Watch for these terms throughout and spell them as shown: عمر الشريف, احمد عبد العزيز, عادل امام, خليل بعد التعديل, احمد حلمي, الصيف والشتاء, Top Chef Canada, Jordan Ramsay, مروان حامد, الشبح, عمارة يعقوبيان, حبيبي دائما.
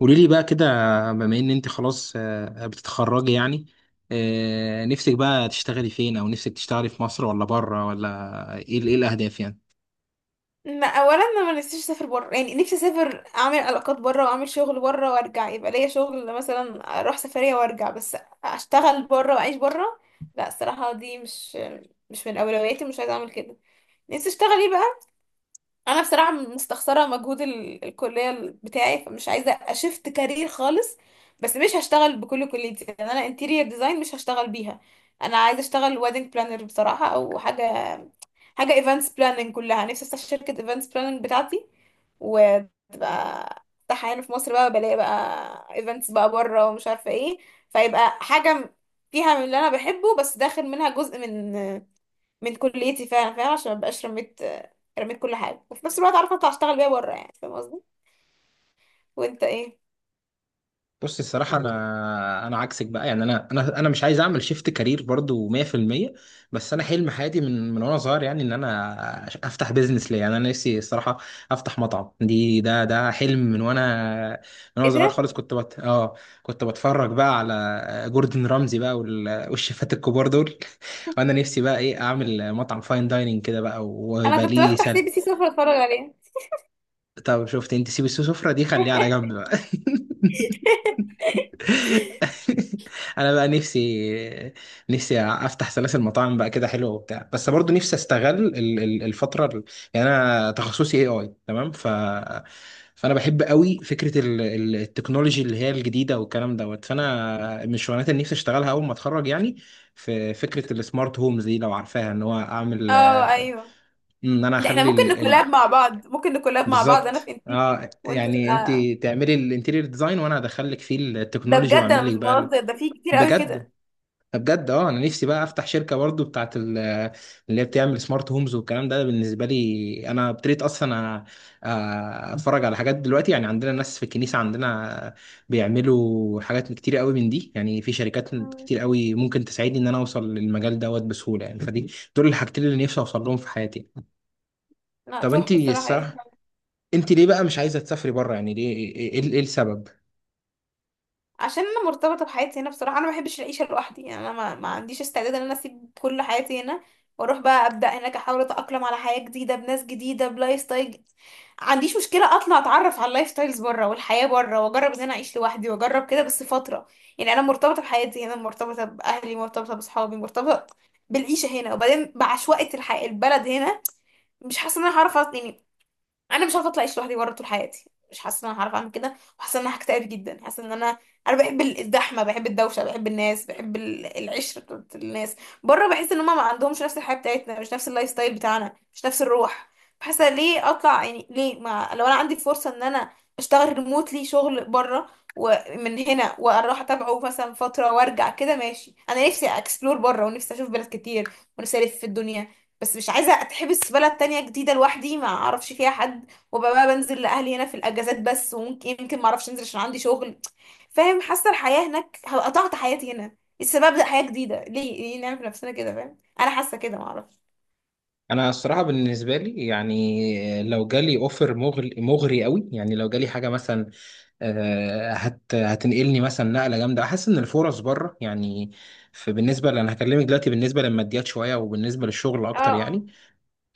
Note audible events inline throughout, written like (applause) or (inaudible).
قولي لي بقى كده بما ان انت خلاص بتتخرجي يعني. نفسك بقى تشتغلي فين او نفسك تشتغلي في مصر ولا بره ولا ايه ايه الاهداف يعني؟ ما اولا انا ما نفسيش اسافر بره، يعني نفسي اسافر اعمل علاقات بره واعمل شغل بره وارجع، يبقى ليا شغل مثلا اروح سفريه وارجع بس اشتغل بره واعيش بره. لا الصراحه دي مش من اولوياتي، مش عايزه اعمل كده. نفسي اشتغل ايه بقى؟ انا بصراحه مستخسره مجهود الكليه بتاعي، فمش عايزه اشفت كارير خالص، بس مش هشتغل بكل كليتي لان انا انتيريور ديزاين مش هشتغل بيها. انا عايزه اشتغل ويدنج بلانر بصراحه او حاجه ايفنتس بلاننج، كلها نفسي افتح شركه ايفنتس بلاننج بتاعتي وتبقى افتحها هنا في مصر، بقى بلاقي بقى ايفنتس بقى بره ومش عارفه ايه، فيبقى حاجه فيها من اللي انا بحبه بس داخل منها جزء من كليتي فعلا، فاهم؟ عشان مبقاش رميت كل حاجة، وفي نفس الوقت عارفة اطلع اشتغل بيها بره، يعني فاهم قصدي؟ وانت ايه؟ بصي الصراحة أنا عكسك بقى يعني أنا مش عايز أعمل شيفت كارير برضو 100%. بس أنا حلم حياتي من وأنا صغير يعني إن أفتح بيزنس ليا، يعني أنا نفسي الصراحة أفتح مطعم. دي ده ده حلم من وأنا من وأنا ايه صغير ده؟ خالص. كنت بت... آه كنت بتفرج بقى على جوردن رامزي بقى والشيفات الكبار دول، (laughs) وأنا نفسي بقى إيه أعمل مطعم فاين دايننج كده بقى انا ويبقى كنت ليه بفتح سي بي سلة. سي سوف اتفرج عليها. طب شفت أنت؟ سيب السفرة دي خليها على جنب بقى. (laughs) (laughs) (laughs) انا بقى نفسي افتح سلاسل مطاعم بقى كده حلوه وبتاع، بس برضو نفسي استغل الفتره يعني انا تخصصي اي تمام. فانا بحب قوي فكره التكنولوجي اللي هي الجديده والكلام دوت. فانا من الشغلانات اللي نفسي اشتغلها اول ما اتخرج يعني في فكره السمارت هومز دي، لو عارفاها ان هو اعمل اه، ايوه. ان انا ده احنا اخلي ممكن نكولاب مع بعض، ممكن نكولاب مع بعض، انا في بالظبط. انتيكر اه، وانت يعني انت تعملي الانتيريور ديزاين وانا هدخلك فيه ده بجد التكنولوجي واعمل انا مش لك بقى. بهزر، ده في كتير قوي بجد، كده. بجد اه انا نفسي بقى افتح شركه برضو بتاعت اللي هي بتعمل سمارت هومز والكلام ده. بالنسبه لي انا ابتديت اصلا أ- اتفرج على حاجات دلوقتي، يعني عندنا ناس في الكنيسه عندنا بيعملوا حاجات كتير قوي من دي. يعني في شركات مم. كتير قوي ممكن تساعدني ان انا اوصل للمجال دوت بسهوله، يعني فدي دول الحاجتين اللي نفسي اوصل لهم في حياتي. لا، طب انت تحفة الصراحة. الصراحه انت ليه بقى مش عايزه تسافري بره؟ يعني ليه، ايه إيه السبب؟ عشان انا مرتبطه بحياتي هنا بصراحه، انا ما بحبش العيشه لوحدي، يعني انا ما عنديش استعداد ان انا اسيب كل حياتي هنا واروح بقى ابدا هناك، احاول اتاقلم على حياه جديده بناس جديده بلايف ستايل جديد. عنديش مشكله اطلع اتعرف على اللايف ستايلز بره والحياه بره، واجرب ان انا اعيش لوحدي واجرب كده بس فتره، يعني انا مرتبطه بحياتي هنا، مرتبطه باهلي، مرتبطه باصحابي، مرتبطه بالعيشه هنا، وبعدين بعشوائيه الحياه البلد هنا. مش حاسه ان انا هعرف يعني انا مش عارفه اطلع اعيش لوحدي بره طول حياتي، مش حاسه ان انا هعرف اعمل كده، وحاسه ان انا هكتئب جدا، حاسه ان انا بحب الزحمه، بحب الدوشه، بحب الناس، بحب العشره بتاعت الناس. بره بحس ان هم ما عندهمش نفس الحياه بتاعتنا، مش نفس اللايف ستايل بتاعنا، مش نفس الروح. حاسه ليه اطلع يعني؟ ليه؟ ما لو انا عندي فرصه ان انا اشتغل ريموتلي شغل بره ومن هنا، واروح اتابعه مثلا فتره وارجع، كده ماشي. انا نفسي اكسبلور بره، ونفسي اشوف بلاد كتير، ونفسي الف في الدنيا، بس مش عايزه اتحبس في بلد تانية جديده لوحدي ما اعرفش فيها حد. وابقى بقى بنزل لاهلي هنا في الاجازات بس، وممكن يمكن ما اعرفش انزل عشان عندي شغل، فاهم؟ حاسه الحياه هناك هبقى قطعت حياتي هنا السبب ده، حياه جديده، ليه نعمل في نفسنا كده، فاهم؟ انا حاسه كده، ما اعرفش. انا الصراحه بالنسبه لي يعني لو جالي اوفر مغري، مغري قوي، يعني لو جالي حاجه مثلا هتنقلني مثلا نقله جامده، احس ان الفرص بره يعني في. بالنسبه انا هكلمك دلوقتي بالنسبه للماديات شويه وبالنسبه للشغل اه، اكتر اه. يعني.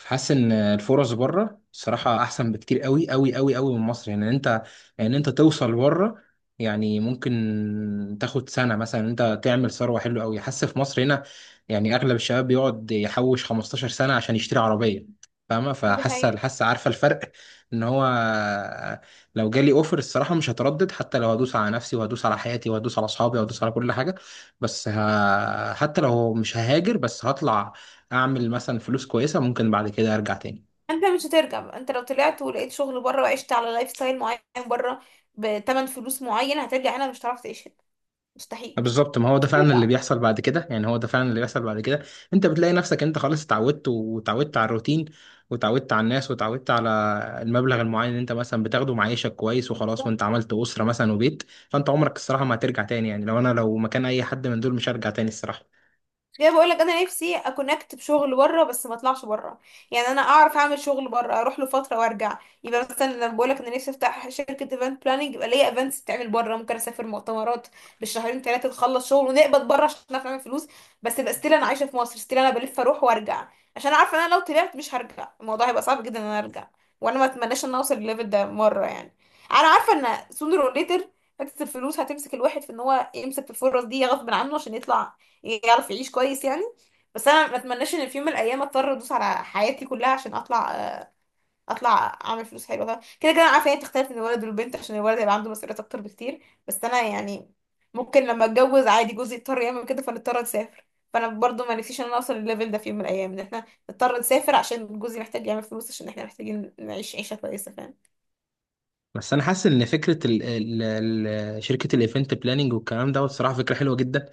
حاسس ان الفرص بره الصراحه احسن بكتير قوي قوي قوي قوي من مصر. يعني انت، يعني انت توصل بره، يعني ممكن تاخد سنه مثلا انت تعمل ثروه حلوه قوي. حاسس في مصر هنا يعني اغلب الشباب بيقعد يحوش 15 سنة سنه عشان يشتري عربيه، فاهمه؟ دي فحاسه حقيقة. حاسه عارفه الفرق (laughs) ان هو لو جالي اوفر الصراحه مش هتردد، حتى لو هدوس على نفسي وهدوس على حياتي وهدوس على اصحابي وهدوس على كل حاجه. بس حتى لو مش ههاجر، بس هطلع اعمل مثلا فلوس كويسه ممكن بعد كده ارجع تاني. انت مش هترجع بقى. انت لو طلعت ولقيت شغل بره وعشت على لايف ستايل معين بره بتمن فلوس معين، هترجع هنا مش هتعرف تعيش هنا، مستحيل. بالظبط، ما هو مش ده فعلا اللي هترجع. بيحصل بعد كده، يعني هو ده فعلا اللي بيحصل بعد كده. انت بتلاقي نفسك انت خلاص اتعودت وتعودت على الروتين وتعودت على الناس وتعودت على المبلغ المعين اللي انت مثلا بتاخده، معيشك كويس وخلاص، وانت عملت اسره مثلا وبيت. فانت عمرك الصراحه ما هترجع تاني، يعني لو انا لو مكان اي حد من دول مش هرجع تاني الصراحه. زي بقول لك، انا نفسي اكونكت بشغل بره بس ما اطلعش بره، يعني انا اعرف اعمل شغل بره اروح له فتره وارجع. يبقى مثلا لما بقول لك انا نفسي افتح شركه ايفنت بلاننج، يبقى ليا ايفنتس تعمل بره، ممكن اسافر مؤتمرات بالشهرين ثلاثه، نخلص شغل ونقبض بره عشان نعرف نعمل فلوس، بس يبقى ستيل انا عايشه في مصر، ستيل انا بلف اروح وارجع، عشان عارفه ان انا لو طلعت مش هرجع، الموضوع هيبقى صعب جدا ان انا ارجع. وانا ما اتمناش ان أنا اوصل للليفل ده مره يعني. انا عارفه ان sooner or later حته الفلوس هتمسك الواحد في ان هو يمسك في الفرص دي غصب عنه عشان يطلع يعرف يعيش كويس يعني. بس انا ما اتمناش ان في يوم من الايام اضطر ادوس على حياتي كلها عشان اطلع، آه، اطلع اعمل فلوس حلوه. طبعا كده كده انا عارفه هي بتختلف من الولد والبنت، عشان الولد هيبقى عنده مسؤوليات اكتر بكتير، بس انا يعني ممكن لما اتجوز عادي جوزي يضطر يعمل كده فنضطر نسافر. فانا برضو ما نفسيش ان انا اوصل للليفل ده في يوم من الايام، ان احنا نضطر نسافر عشان جوزي محتاج يعمل فلوس عشان احنا محتاجين نعيش عيشه كويسه، فاهم؟ بس انا حاسس ان فكره ال شركه الايفنت بلاننج والكلام ده الصراحه فكره حلوه جدا.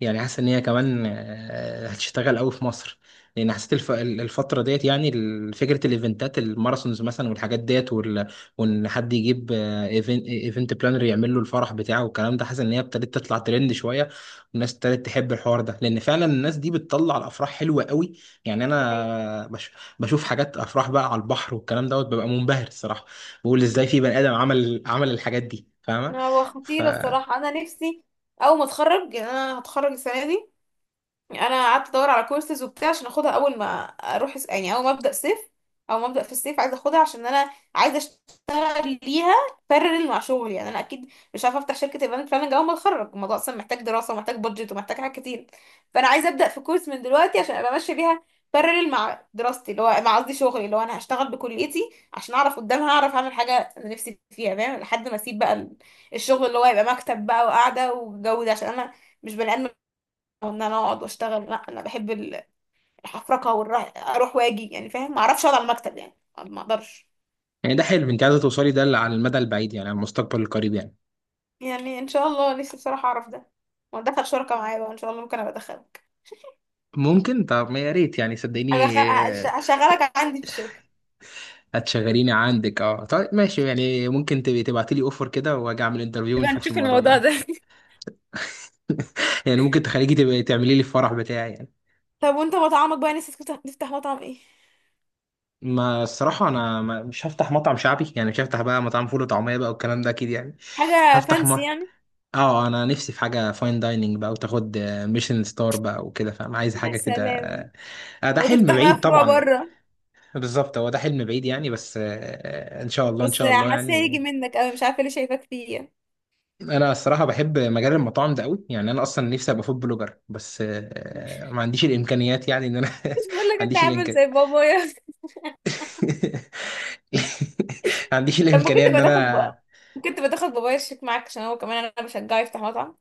يعني حاسس ان هي كمان هتشتغل قوي في مصر، لان حسيت الف الفتره ديت، يعني فكره الايفنتات الماراثونز مثلا والحاجات ديت وان حد يجيب ايفنت بلانر يعمل له الفرح بتاعه والكلام ده. حاسس ان هي ابتدت تطلع ترند شويه والناس ابتدت تحب الحوار ده، لان فعلا الناس دي بتطلع الافراح حلوه قوي. يعني أيوة. بشوف حاجات افراح بقى على البحر والكلام دوت، ببقى منبهر الصراحه. بقول ازاي في بني ادم عمل الحاجات دي، فاهمه؟ هو ف خطير الصراحه. انا نفسي اول ما اتخرج، يعني انا هتخرج السنه دي. انا قعدت ادور على كورسز وبتاع عشان اخدها اول ما اروح يعني اول ما ابدا صيف، او ما ابدا في الصيف، عايزه اخدها عشان انا عايزه اشتغل ليها بارل مع شغلي. يعني انا اكيد مش عارفه افتح شركه ايفنت بلاننج اول ما اتخرج، الموضوع اصلا محتاج دراسه ومحتاج بادجت ومحتاج حاجات كتير. فانا عايزه ابدا في كورس من دلوقتي عشان ابقى ماشيه بيها بارل مع دراستي اللي هو مع قصدي شغلي اللي هو انا هشتغل بكليتي، عشان اعرف قدامها اعرف اعمل حاجه انا نفسي فيها، فاهم؟ لحد ما اسيب بقى الشغل اللي هو يبقى مكتب بقى وقاعده وجو ده، عشان انا مش بني ادم وان انا اقعد واشتغل، لا انا بحب الحفرقه والراح اروح واجي، يعني فاهم ما اعرفش اقعد على المكتب يعني، ما اقدرش. يعني ده حلو. انت عايزه توصلي ده على المدى البعيد، يعني على المستقبل القريب يعني؟ يعني ان شاء الله نفسي بصراحه اعرف ده، وادخل شركه معايا بقى ان شاء الله، ممكن ابقى ادخلك. ممكن. طب ما يا ريت يعني، هدخل صدقيني هشغلك عندي في الشركه. هتشغليني عندك؟ اه طيب ماشي، يعني ممكن تبقي تبعتي لي اوفر كده واجي اعمل انترفيو يبقى ونشوف نشوف الموضوع الموضوع ده. ده. (laughs) (laughs) يعني ممكن تخليكي تبقي تعملي لي الفرح بتاعي يعني. طب وانت مطعمك بقى، نفسك تفتح مطعم ايه؟ ما الصراحة أنا مش هفتح مطعم شعبي، يعني مش هفتح بقى مطعم فول وطعمية بقى والكلام ده أكيد يعني. حاجة هفتح م... فانسي يعني؟ اه، انا نفسي في حاجه فاين دايننج بقى وتاخد ميشن ستار بقى وكده، فاهم؟ عايز يا حاجه كده. سلام. ده حلم وتفتح بقى بعيد فروع طبعا. بره؟ بالظبط، هو ده حلم بعيد يعني، بس ان شاء الله، ان بس شاء الله حاسه هيجي يعني. منك قوي، مش عارفه ليه شايفاك فيه يعني. انا الصراحه بحب مجال المطاعم ده قوي، يعني انا اصلا نفسي ابقى فود بلوجر، بس ما عنديش الامكانيات، يعني ان انا (laughs) ما مش بقول لك انت عنديش عامل الامكان زي بابايا؟ (laughs) ما عنديش لما الامكانيه كنت ان بتاخد انا. بقى، كنت بتاخد بابايا الشيك معاك، عشان هو كمان انا بشجعه يفتح مطعم.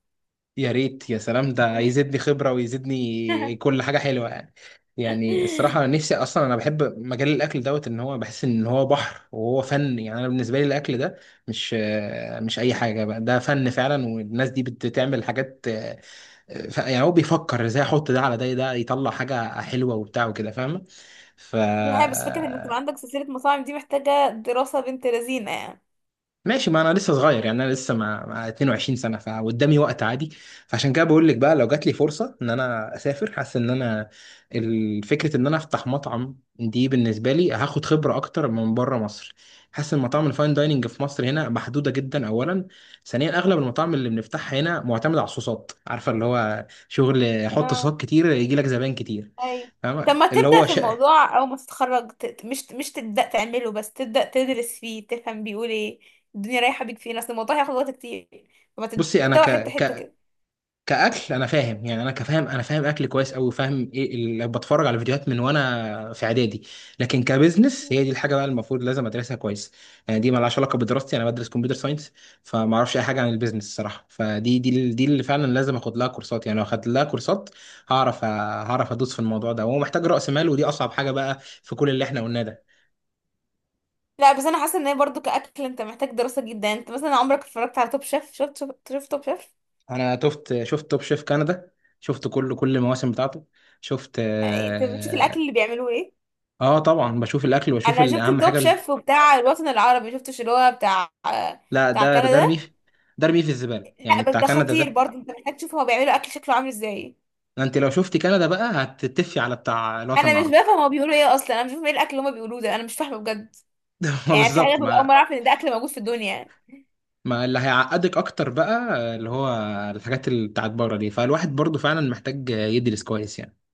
يا ريت، يا سلام، ده يزيدني خبرة ويزيدني (laughs) كل حاجة حلوة يعني. يعني الصراحة أنا نفسي أصلا أنا بحب مجال الأكل دوت، إن هو بحس إن هو بحر، وهو فن يعني. أنا بالنسبة لي الأكل ده مش مش أي حاجة بقى، ده فن فعلا، والناس دي بتعمل حاجات يعني هو بيفكر إزاي أحط ده على ده، ده يطلع حاجة حلوة وبتاع وكده، فاهمة؟ ف دي حاجة، بس فكرة انك تبقى عندك سلسلة مطاعم دي محتاجة دراسة بنت لذينة يعني. ماشي، ما انا لسه صغير يعني، انا لسه مع 22 سنة سنه، فقدامي وقت عادي. فعشان كده بقول لك بقى لو جات لي فرصه ان انا اسافر، حاسس ان انا فكره ان انا افتح مطعم دي بالنسبه لي هاخد خبره اكتر من بره مصر. حاسس ان مطاعم الفاين دايننج في مصر هنا محدوده جدا اولا. ثانيا، اغلب المطاعم اللي بنفتحها هنا معتمد على الصوصات، عارفه؟ اللي هو شغل حط اه، صوصات كتير يجي لك زباين كتير، ايوه. طب فاهمة؟ ما تبدأ في الموضوع او ما تتخرج، مش تبدأ تعمله، بس تبدأ تدرس فيه تفهم بيقول ايه، الدنيا رايحة بيك فين، اصل الموضوع هياخد وقت كتير، فما بصي انا تبدأ حتة حتة ك... كده. كأكل أنا فاهم، يعني أنا أنا فاهم أكل كويس أوي، وفاهم إيه اللي بتفرج على فيديوهات من وأنا في إعدادي. لكن كبزنس هي دي الحاجة بقى المفروض لازم أدرسها كويس. يعني دي مالهاش علاقة بدراستي، أنا بدرس كمبيوتر ساينس، فما أعرفش أي حاجة عن البيزنس الصراحة. فدي، دي دي اللي فعلا لازم آخد لها كورسات، يعني لو أخدت لها كورسات هعرف هعرف أدوس في الموضوع ده. وهو محتاج رأس مال، ودي أصعب حاجة بقى في كل اللي إحنا قلناه ده. لا، بس انا حاسة ان هي برضو كأكل انت محتاج دراسة جدا. انت مثلا عمرك اتفرجت على توب شيف؟ شفت توب شيف؟ أنا شفت توب شيف كندا، شفت كل المواسم بتاعته، شفت انت بتشوف الاكل آه. اللي بيعملوه ايه. آه طبعا بشوف الاكل واشوف انا شفت اهم التوب حاجه. شيف بتاع الوطن العربي، شفتش اللي هو بتاع لا، بتاع ده رميه كندا. ده رميه في الزباله لا يعني، بس بتاع ده كندا خطير ده. برضه، انت محتاج تشوف هو بيعملوا اكل شكله عامل ازاي. انت لو شفت كندا بقى هتتفي على بتاع الوطن انا مش العربي. بفهم هما بيقولوا ايه اصلا، انا مش فاهمه ايه الاكل اللي هما بيقولوه ده، انا مش فاهمه بجد. (laughs) ما يعني في حاجات بالظبط ببقى اول مره ما اعرف ان ده اكل موجود في الدنيا ما اللي هيعقدك اكتر بقى اللي هو الحاجات اللي بتاعت بره دي، فالواحد برضو فعلا محتاج يدرس كويس يعني.